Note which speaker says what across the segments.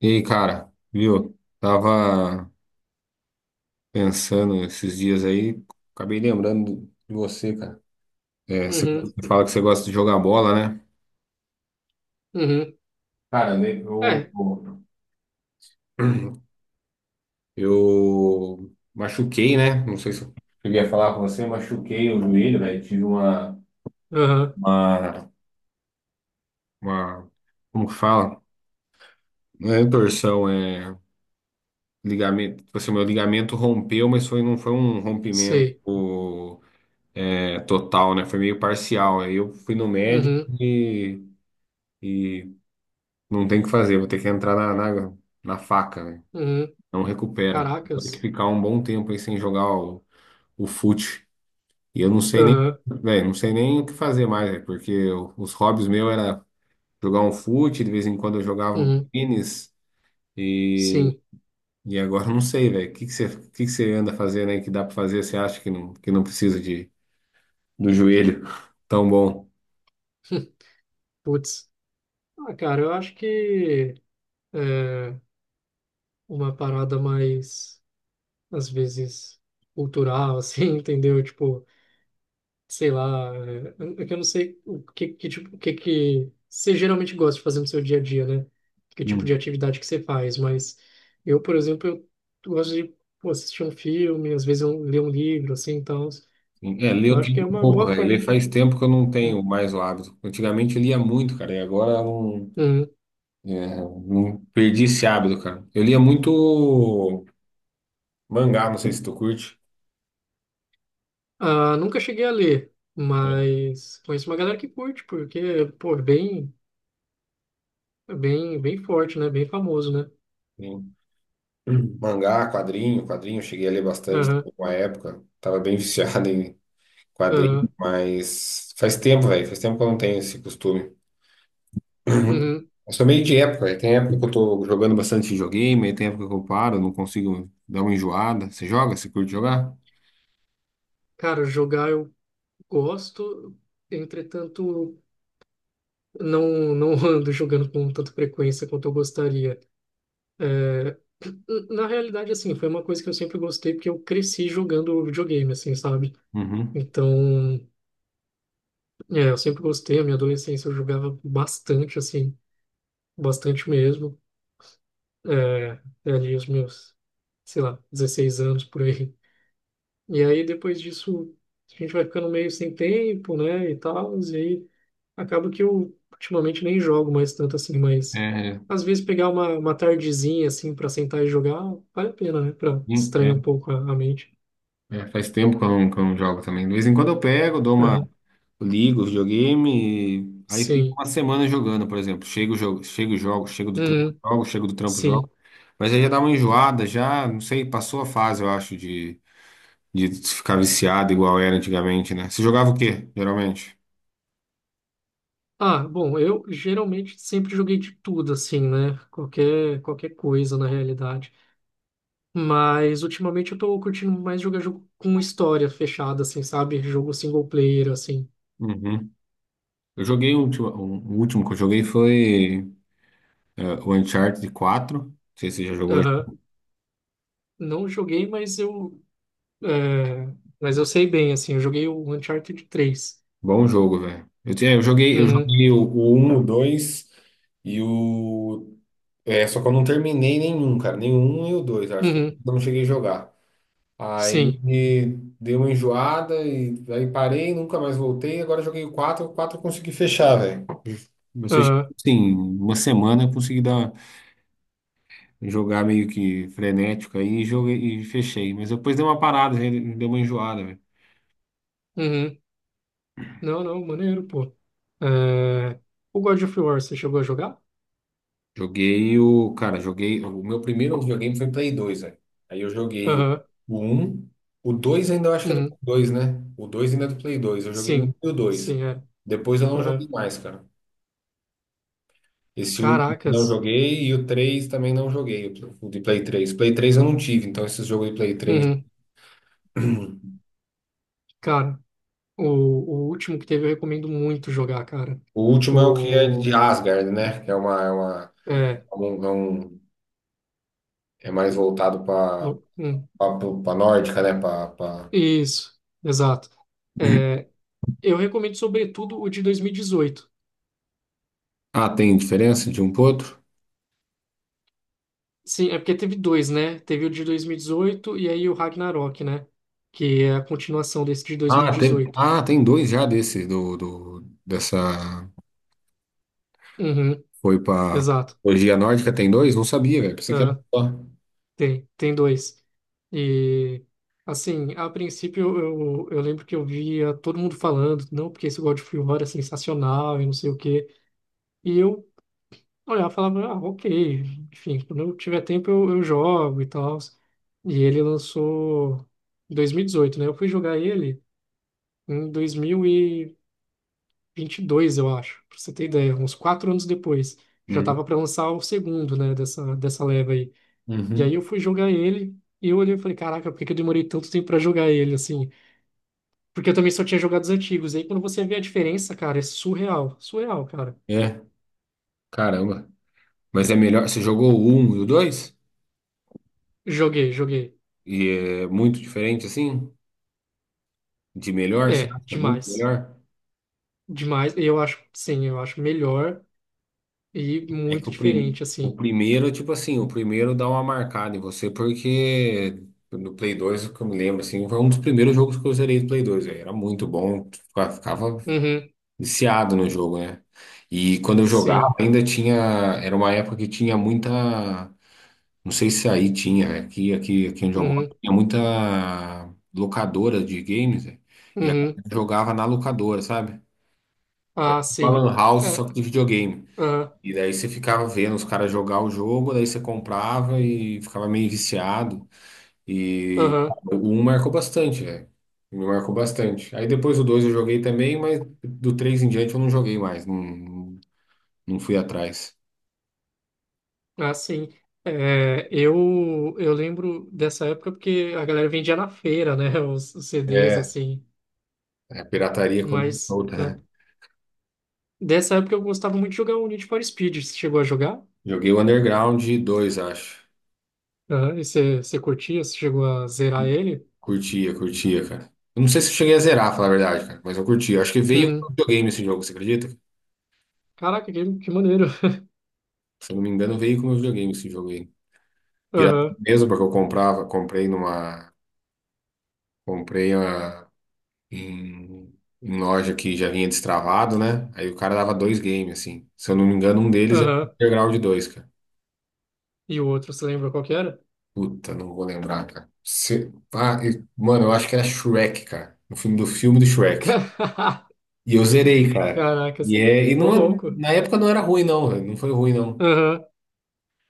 Speaker 1: E aí, cara, viu? Tava pensando esses dias aí, acabei lembrando de você, cara. É, você
Speaker 2: Uhum,
Speaker 1: você fala que você gosta de jogar bola, né?
Speaker 2: uhum.
Speaker 1: Cara, né,
Speaker 2: É,
Speaker 1: eu machuquei, né? Não sei se eu cheguei a falar com você, machuquei o joelho, velho. Tive
Speaker 2: aham,
Speaker 1: uma, uma, como que fala? Não é torção, é ligamento. Tipo assim, meu ligamento rompeu, mas foi, não foi um rompimento.
Speaker 2: sei.
Speaker 1: É total, né? Foi meio parcial. Aí eu fui no médico
Speaker 2: Uhum,
Speaker 1: e, e não tem o que fazer, vou ter que entrar na faca, né?
Speaker 2: uhum.
Speaker 1: Não recupera. Vou ter que
Speaker 2: Caracas.
Speaker 1: ficar um bom tempo aí sem jogar o fute. E eu não sei nem,
Speaker 2: Aham,
Speaker 1: velho, não sei nem o que fazer mais, né? Porque os hobbies meus era jogar um fute, de vez em quando eu jogava um
Speaker 2: uhum,
Speaker 1: tênis e,
Speaker 2: sim.
Speaker 1: e agora eu não sei, velho. O que que você anda fazendo aí que dá pra fazer? Você acha que não precisa do joelho tão bom?
Speaker 2: Putz. Ah, cara, eu acho que é uma parada mais, às vezes, cultural, assim, entendeu? Tipo, sei lá, é que eu não sei o que, que tipo, o que que você geralmente gosta de fazer no seu dia a dia, né? Que tipo de atividade que você faz, mas eu, por exemplo, eu gosto de pô, assistir um filme, às vezes eu leio um livro, assim, então
Speaker 1: É, ler
Speaker 2: eu
Speaker 1: eu
Speaker 2: acho
Speaker 1: tô
Speaker 2: que
Speaker 1: um
Speaker 2: é uma
Speaker 1: pouco,
Speaker 2: boa
Speaker 1: velho.
Speaker 2: forma
Speaker 1: Ler
Speaker 2: de.
Speaker 1: faz tempo que eu não tenho mais o hábito. Antigamente eu lia muito, cara, e agora eu
Speaker 2: Uhum.
Speaker 1: não, é, não perdi esse hábito, cara. Eu lia muito mangá, não sei se tu curte.
Speaker 2: Ah, nunca cheguei a ler, mas conheço uma galera que curte, porque, pô, é bem, bem forte, né? Bem famoso, né?
Speaker 1: Sim. Mangá, quadrinho, quadrinho, eu cheguei a ler bastante
Speaker 2: Aham,
Speaker 1: uma época. Tava bem viciado em quadrinho,
Speaker 2: aham,
Speaker 1: mas faz tempo, velho. Faz tempo que eu não tenho esse costume.
Speaker 2: uhum.
Speaker 1: Eu sou meio de época, velho. Tem época que eu tô jogando bastante videogame, aí tem época que eu paro, não consigo dar uma enjoada. Você joga? Você curte jogar?
Speaker 2: Cara, jogar eu gosto, entretanto, não ando jogando com tanta frequência quanto eu gostaria. É, na realidade, assim, foi uma coisa que eu sempre gostei, porque eu cresci jogando videogame, assim, sabe?
Speaker 1: Uhum.
Speaker 2: Então, é, eu sempre gostei, a minha adolescência eu jogava bastante, assim. Bastante mesmo. É ali os meus, sei lá, 16 anos por aí. E aí depois disso a gente vai ficando meio sem tempo, né, e tal, e aí acaba que eu ultimamente nem jogo mais tanto assim, mas
Speaker 1: É,
Speaker 2: às vezes pegar uma tardezinha assim para sentar e jogar vale a pena, né, para
Speaker 1: sim,
Speaker 2: distrair um pouco a mente.
Speaker 1: faz tempo que eu não jogo também. De vez em quando eu pego, dou uma,
Speaker 2: Aham.
Speaker 1: ligo o videogame, aí fico
Speaker 2: Sim.
Speaker 1: uma semana jogando, por exemplo. Chego, jogo, chego, jogo, chego do trampo,
Speaker 2: Uhum.
Speaker 1: jogo, chego do trampo, jogo.
Speaker 2: Sim.
Speaker 1: Mas aí já dá uma enjoada, já, não sei, passou a fase, eu acho, de ficar viciado igual era antigamente, né? Você jogava o quê, geralmente?
Speaker 2: Ah, bom, eu geralmente sempre joguei de tudo assim, né? Qualquer coisa na realidade. Mas ultimamente eu tô curtindo mais jogar jogo com história fechada, assim, sabe? Jogo single player, assim.
Speaker 1: Uhum. Eu joguei o último que eu joguei foi o Uncharted 4. Não sei se você já jogou.
Speaker 2: Aham. Não joguei, mas eu. é, Mas eu sei bem, assim. Eu joguei o Uncharted 3.
Speaker 1: Bom jogo, velho. Eu, tinha- eu joguei, eu
Speaker 2: Uhum.
Speaker 1: joguei o 1, o 2 e o. É, só que eu não terminei nenhum, cara. Nenhum e o 2 acho que eu
Speaker 2: Uhum.
Speaker 1: não cheguei a jogar. Aí
Speaker 2: Sim.
Speaker 1: dei uma enjoada e aí parei, nunca mais voltei. Agora joguei o 4 eu consegui fechar, velho. Eu fechei,
Speaker 2: Aham.
Speaker 1: sim, uma semana eu consegui dar, jogar meio que frenético aí e joguei e fechei. Mas depois deu uma parada, né? Deu uma enjoada, velho.
Speaker 2: Uhum. Não, não, maneiro, pô. É, o God of War, você chegou a jogar?
Speaker 1: Joguei o. Cara, joguei. O meu primeiro videogame foi Play 2, velho. Aí eu joguei o,
Speaker 2: Aham.
Speaker 1: o 1. O 2 ainda eu acho que é do
Speaker 2: Uhum.
Speaker 1: Play 2, né? O 2 ainda é do Play 2. Eu joguei o
Speaker 2: Sim.
Speaker 1: 1 e o 2.
Speaker 2: Sim, é.
Speaker 1: Depois eu não
Speaker 2: Aham.
Speaker 1: joguei mais, cara. Esse último não
Speaker 2: Caracas.
Speaker 1: joguei e o 3 também não joguei, o de Play 3, Play 3 eu não tive, então esses jogos de Play 3.
Speaker 2: Uhum. Cara, o último que teve eu recomendo muito jogar, cara.
Speaker 1: O último é o que é de
Speaker 2: O
Speaker 1: Asgard, né? Que é uma.
Speaker 2: É,
Speaker 1: É um, é um- É mais voltado para
Speaker 2: o- hum,
Speaker 1: para nórdica, né? Para.
Speaker 2: isso, exato. É, eu recomendo sobretudo o de 2018.
Speaker 1: Ah, tem diferença de um pro outro?
Speaker 2: Sim, é porque teve dois, né? Teve o de 2018 e aí o Ragnarok, né? Que é a continuação desse de
Speaker 1: Ah, tem,
Speaker 2: 2018.
Speaker 1: tem dois já desse, dessa,
Speaker 2: Uhum,
Speaker 1: foi pra
Speaker 2: exato.
Speaker 1: mitologia nórdica, tem dois? Não sabia, velho, pensei que era
Speaker 2: É,
Speaker 1: só.
Speaker 2: tem dois. E, assim, a princípio eu lembro que eu via todo mundo falando, não, porque esse God of War é sensacional e não sei o quê. E eu olhar e falava, ah, ok, enfim, quando eu tiver tempo eu jogo e tal. E ele lançou em 2018, né? Eu fui jogar ele em dois mil e vinte e dois, eu acho, pra você ter ideia, uns 4 anos depois. Já
Speaker 1: Uhum.
Speaker 2: tava para lançar o segundo, né, dessa leva aí. E aí
Speaker 1: Uhum.
Speaker 2: eu fui jogar ele e eu olhei e falei, caraca, por que que eu demorei tanto tempo para jogar ele, assim? Porque eu também só tinha jogado os antigos. Aí quando você vê a diferença, cara, é surreal, surreal, cara.
Speaker 1: É, caramba. Mas é melhor, você jogou o um e o dois?
Speaker 2: Joguei, joguei.
Speaker 1: E é muito diferente, assim? De melhor, você
Speaker 2: É,
Speaker 1: acha? É muito
Speaker 2: demais.
Speaker 1: melhor?
Speaker 2: Demais, eu acho, sim, eu acho melhor e
Speaker 1: É que
Speaker 2: muito diferente,
Speaker 1: o
Speaker 2: assim.
Speaker 1: primeiro, tipo assim, o primeiro dá uma marcada em você, porque no Play 2 o que eu me lembro, assim, foi um dos primeiros jogos que eu zerei do Play 2, velho, era muito bom, ficava
Speaker 2: Uhum,
Speaker 1: viciado no jogo, né? E quando eu jogava,
Speaker 2: sim,
Speaker 1: ainda tinha. Era uma época que tinha muita. Não sei se aí tinha, né? Aqui onde eu moro,
Speaker 2: uhum,
Speaker 1: tinha muita locadora de games, né? E a
Speaker 2: uhum,
Speaker 1: galera jogava na locadora, sabe?
Speaker 2: ah,
Speaker 1: Uma
Speaker 2: sim,
Speaker 1: lan house, só
Speaker 2: é,
Speaker 1: que de videogame.
Speaker 2: ah,
Speaker 1: E daí você ficava vendo os caras jogar o jogo, daí você comprava e ficava meio viciado. E
Speaker 2: aham,
Speaker 1: o um marcou bastante, velho. Me marcou bastante. Aí depois o dois eu joguei também, mas do três em diante eu não joguei mais. Não, não fui atrás.
Speaker 2: ah, sim. É, eu lembro dessa época porque a galera vendia na feira, né, os CDs,
Speaker 1: É,
Speaker 2: assim,
Speaker 1: a pirataria começou
Speaker 2: mas
Speaker 1: solta, né?
Speaker 2: dessa época eu gostava muito de jogar o Need for Speed, você chegou a jogar?
Speaker 1: Joguei o Underground dois, acho.
Speaker 2: Ah, e você curtia, você chegou a zerar ele?
Speaker 1: Curtia, curtia, cara. Eu não sei se eu cheguei a zerar, falar a verdade, cara, mas eu curtia. Acho que veio com o
Speaker 2: Uhum.
Speaker 1: videogame esse jogo, você acredita?
Speaker 2: Caraca, que maneiro.
Speaker 1: Se eu não me engano, veio com o videogame esse jogo aí. Pirata
Speaker 2: Aham,
Speaker 1: mesmo, porque eu comprava, comprei numa. Comprei uma, em, em loja que já vinha destravado, né? Aí o cara dava dois games, assim. Se eu não me engano, um deles é o
Speaker 2: aham.
Speaker 1: Underground dois, cara.
Speaker 2: E o outro, você lembra qual que era?
Speaker 1: Puta, não vou lembrar, cara. Ah, mano, eu acho que era Shrek, cara. No filme, do filme do Shrek.
Speaker 2: Ca-
Speaker 1: E eu zerei, cara. E,
Speaker 2: Caracas.
Speaker 1: é, e
Speaker 2: Ô,
Speaker 1: não,
Speaker 2: louco.
Speaker 1: na época não era ruim, não, velho. Não foi ruim, não.
Speaker 2: Aham.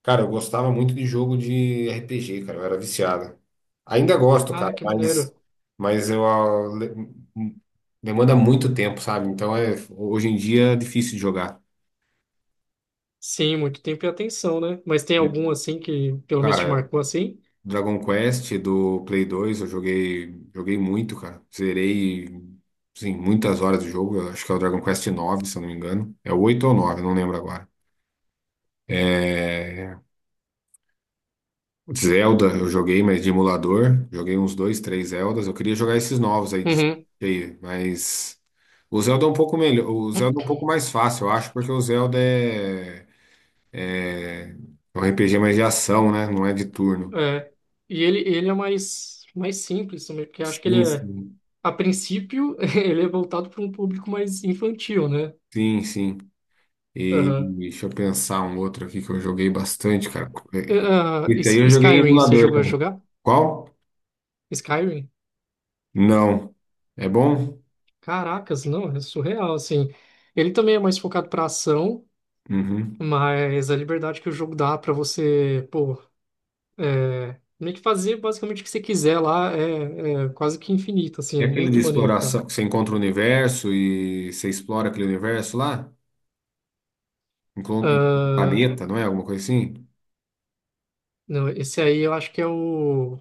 Speaker 1: Cara, eu gostava muito de jogo de RPG, cara. Eu era viciado. Ainda gosto, cara,
Speaker 2: Ah, que
Speaker 1: mas,
Speaker 2: maneiro.
Speaker 1: mas hum, demanda muito tempo, sabe? Então é, hoje em dia é difícil de jogar,
Speaker 2: Sim, muito tempo e atenção, né? Mas tem
Speaker 1: né?
Speaker 2: algum assim que pelo menos te
Speaker 1: Cara,
Speaker 2: marcou assim?
Speaker 1: Dragon Quest do Play 2, eu joguei, joguei muito, cara. Zerei, sim, muitas horas de jogo. Eu acho que é o Dragon Quest 9, se eu não me engano. É o 8 ou 9, não lembro agora. Zelda eu joguei, mas de emulador. Joguei uns dois, três Zeldas. Eu queria jogar esses novos aí de
Speaker 2: Uhum.
Speaker 1: cheio, mas o Zelda é um pouco melhor, o Zelda é um pouco mais fácil, eu acho, porque o Zelda é um RPG mais de ação, né? Não é de turno.
Speaker 2: É. E ele é mais simples também, porque eu acho que ele
Speaker 1: Sim,
Speaker 2: é,
Speaker 1: sim.
Speaker 2: a princípio, ele é voltado para um público mais infantil, né?
Speaker 1: Sim, sim. E
Speaker 2: Aham.
Speaker 1: deixa eu pensar um outro aqui que eu joguei bastante, cara.
Speaker 2: E,
Speaker 1: É. Esse aí eu joguei em
Speaker 2: Skyrim, você
Speaker 1: emulador
Speaker 2: jogou a
Speaker 1: também.
Speaker 2: jogar?
Speaker 1: Qual?
Speaker 2: Skyrim?
Speaker 1: Não. É bom?
Speaker 2: Caracas, não, é surreal, assim. Ele também é mais focado para ação,
Speaker 1: Uhum.
Speaker 2: mas a liberdade que o jogo dá para você, pô. É, meio que fazer basicamente o que você quiser lá é quase que infinito, assim,
Speaker 1: É
Speaker 2: é
Speaker 1: aquele de
Speaker 2: muito maneiro, cara.
Speaker 1: exploração que você encontra o universo e você explora aquele universo lá? Encontra um
Speaker 2: Ah,
Speaker 1: planeta, não é? Alguma coisa assim?
Speaker 2: não, esse aí eu acho que é o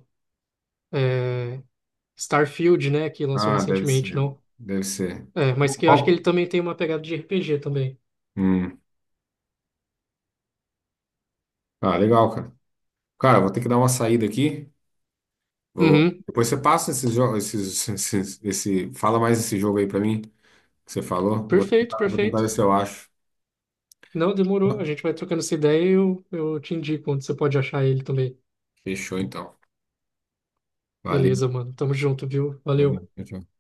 Speaker 2: é, Starfield, né, que lançou
Speaker 1: Ah, deve
Speaker 2: recentemente,
Speaker 1: ser.
Speaker 2: não?
Speaker 1: Deve ser.
Speaker 2: É, mas que eu acho que ele
Speaker 1: Qual?
Speaker 2: também tem uma pegada de RPG também.
Speaker 1: Hum. Ah, legal, cara. Cara, vou ter que dar uma saída aqui. Vou.
Speaker 2: Uhum,
Speaker 1: Depois você passa esses jogos, esses, esse, fala mais esse jogo aí pra mim que você falou.
Speaker 2: perfeito,
Speaker 1: Vou tentar
Speaker 2: perfeito.
Speaker 1: ver se eu acho.
Speaker 2: Não, demorou, a gente vai trocando essa ideia e eu te indico onde você pode achar ele também.
Speaker 1: Fechou, então. Valeu.
Speaker 2: Beleza, mano, tamo junto, viu?
Speaker 1: Valeu.
Speaker 2: Valeu.
Speaker 1: Tchau, tchau.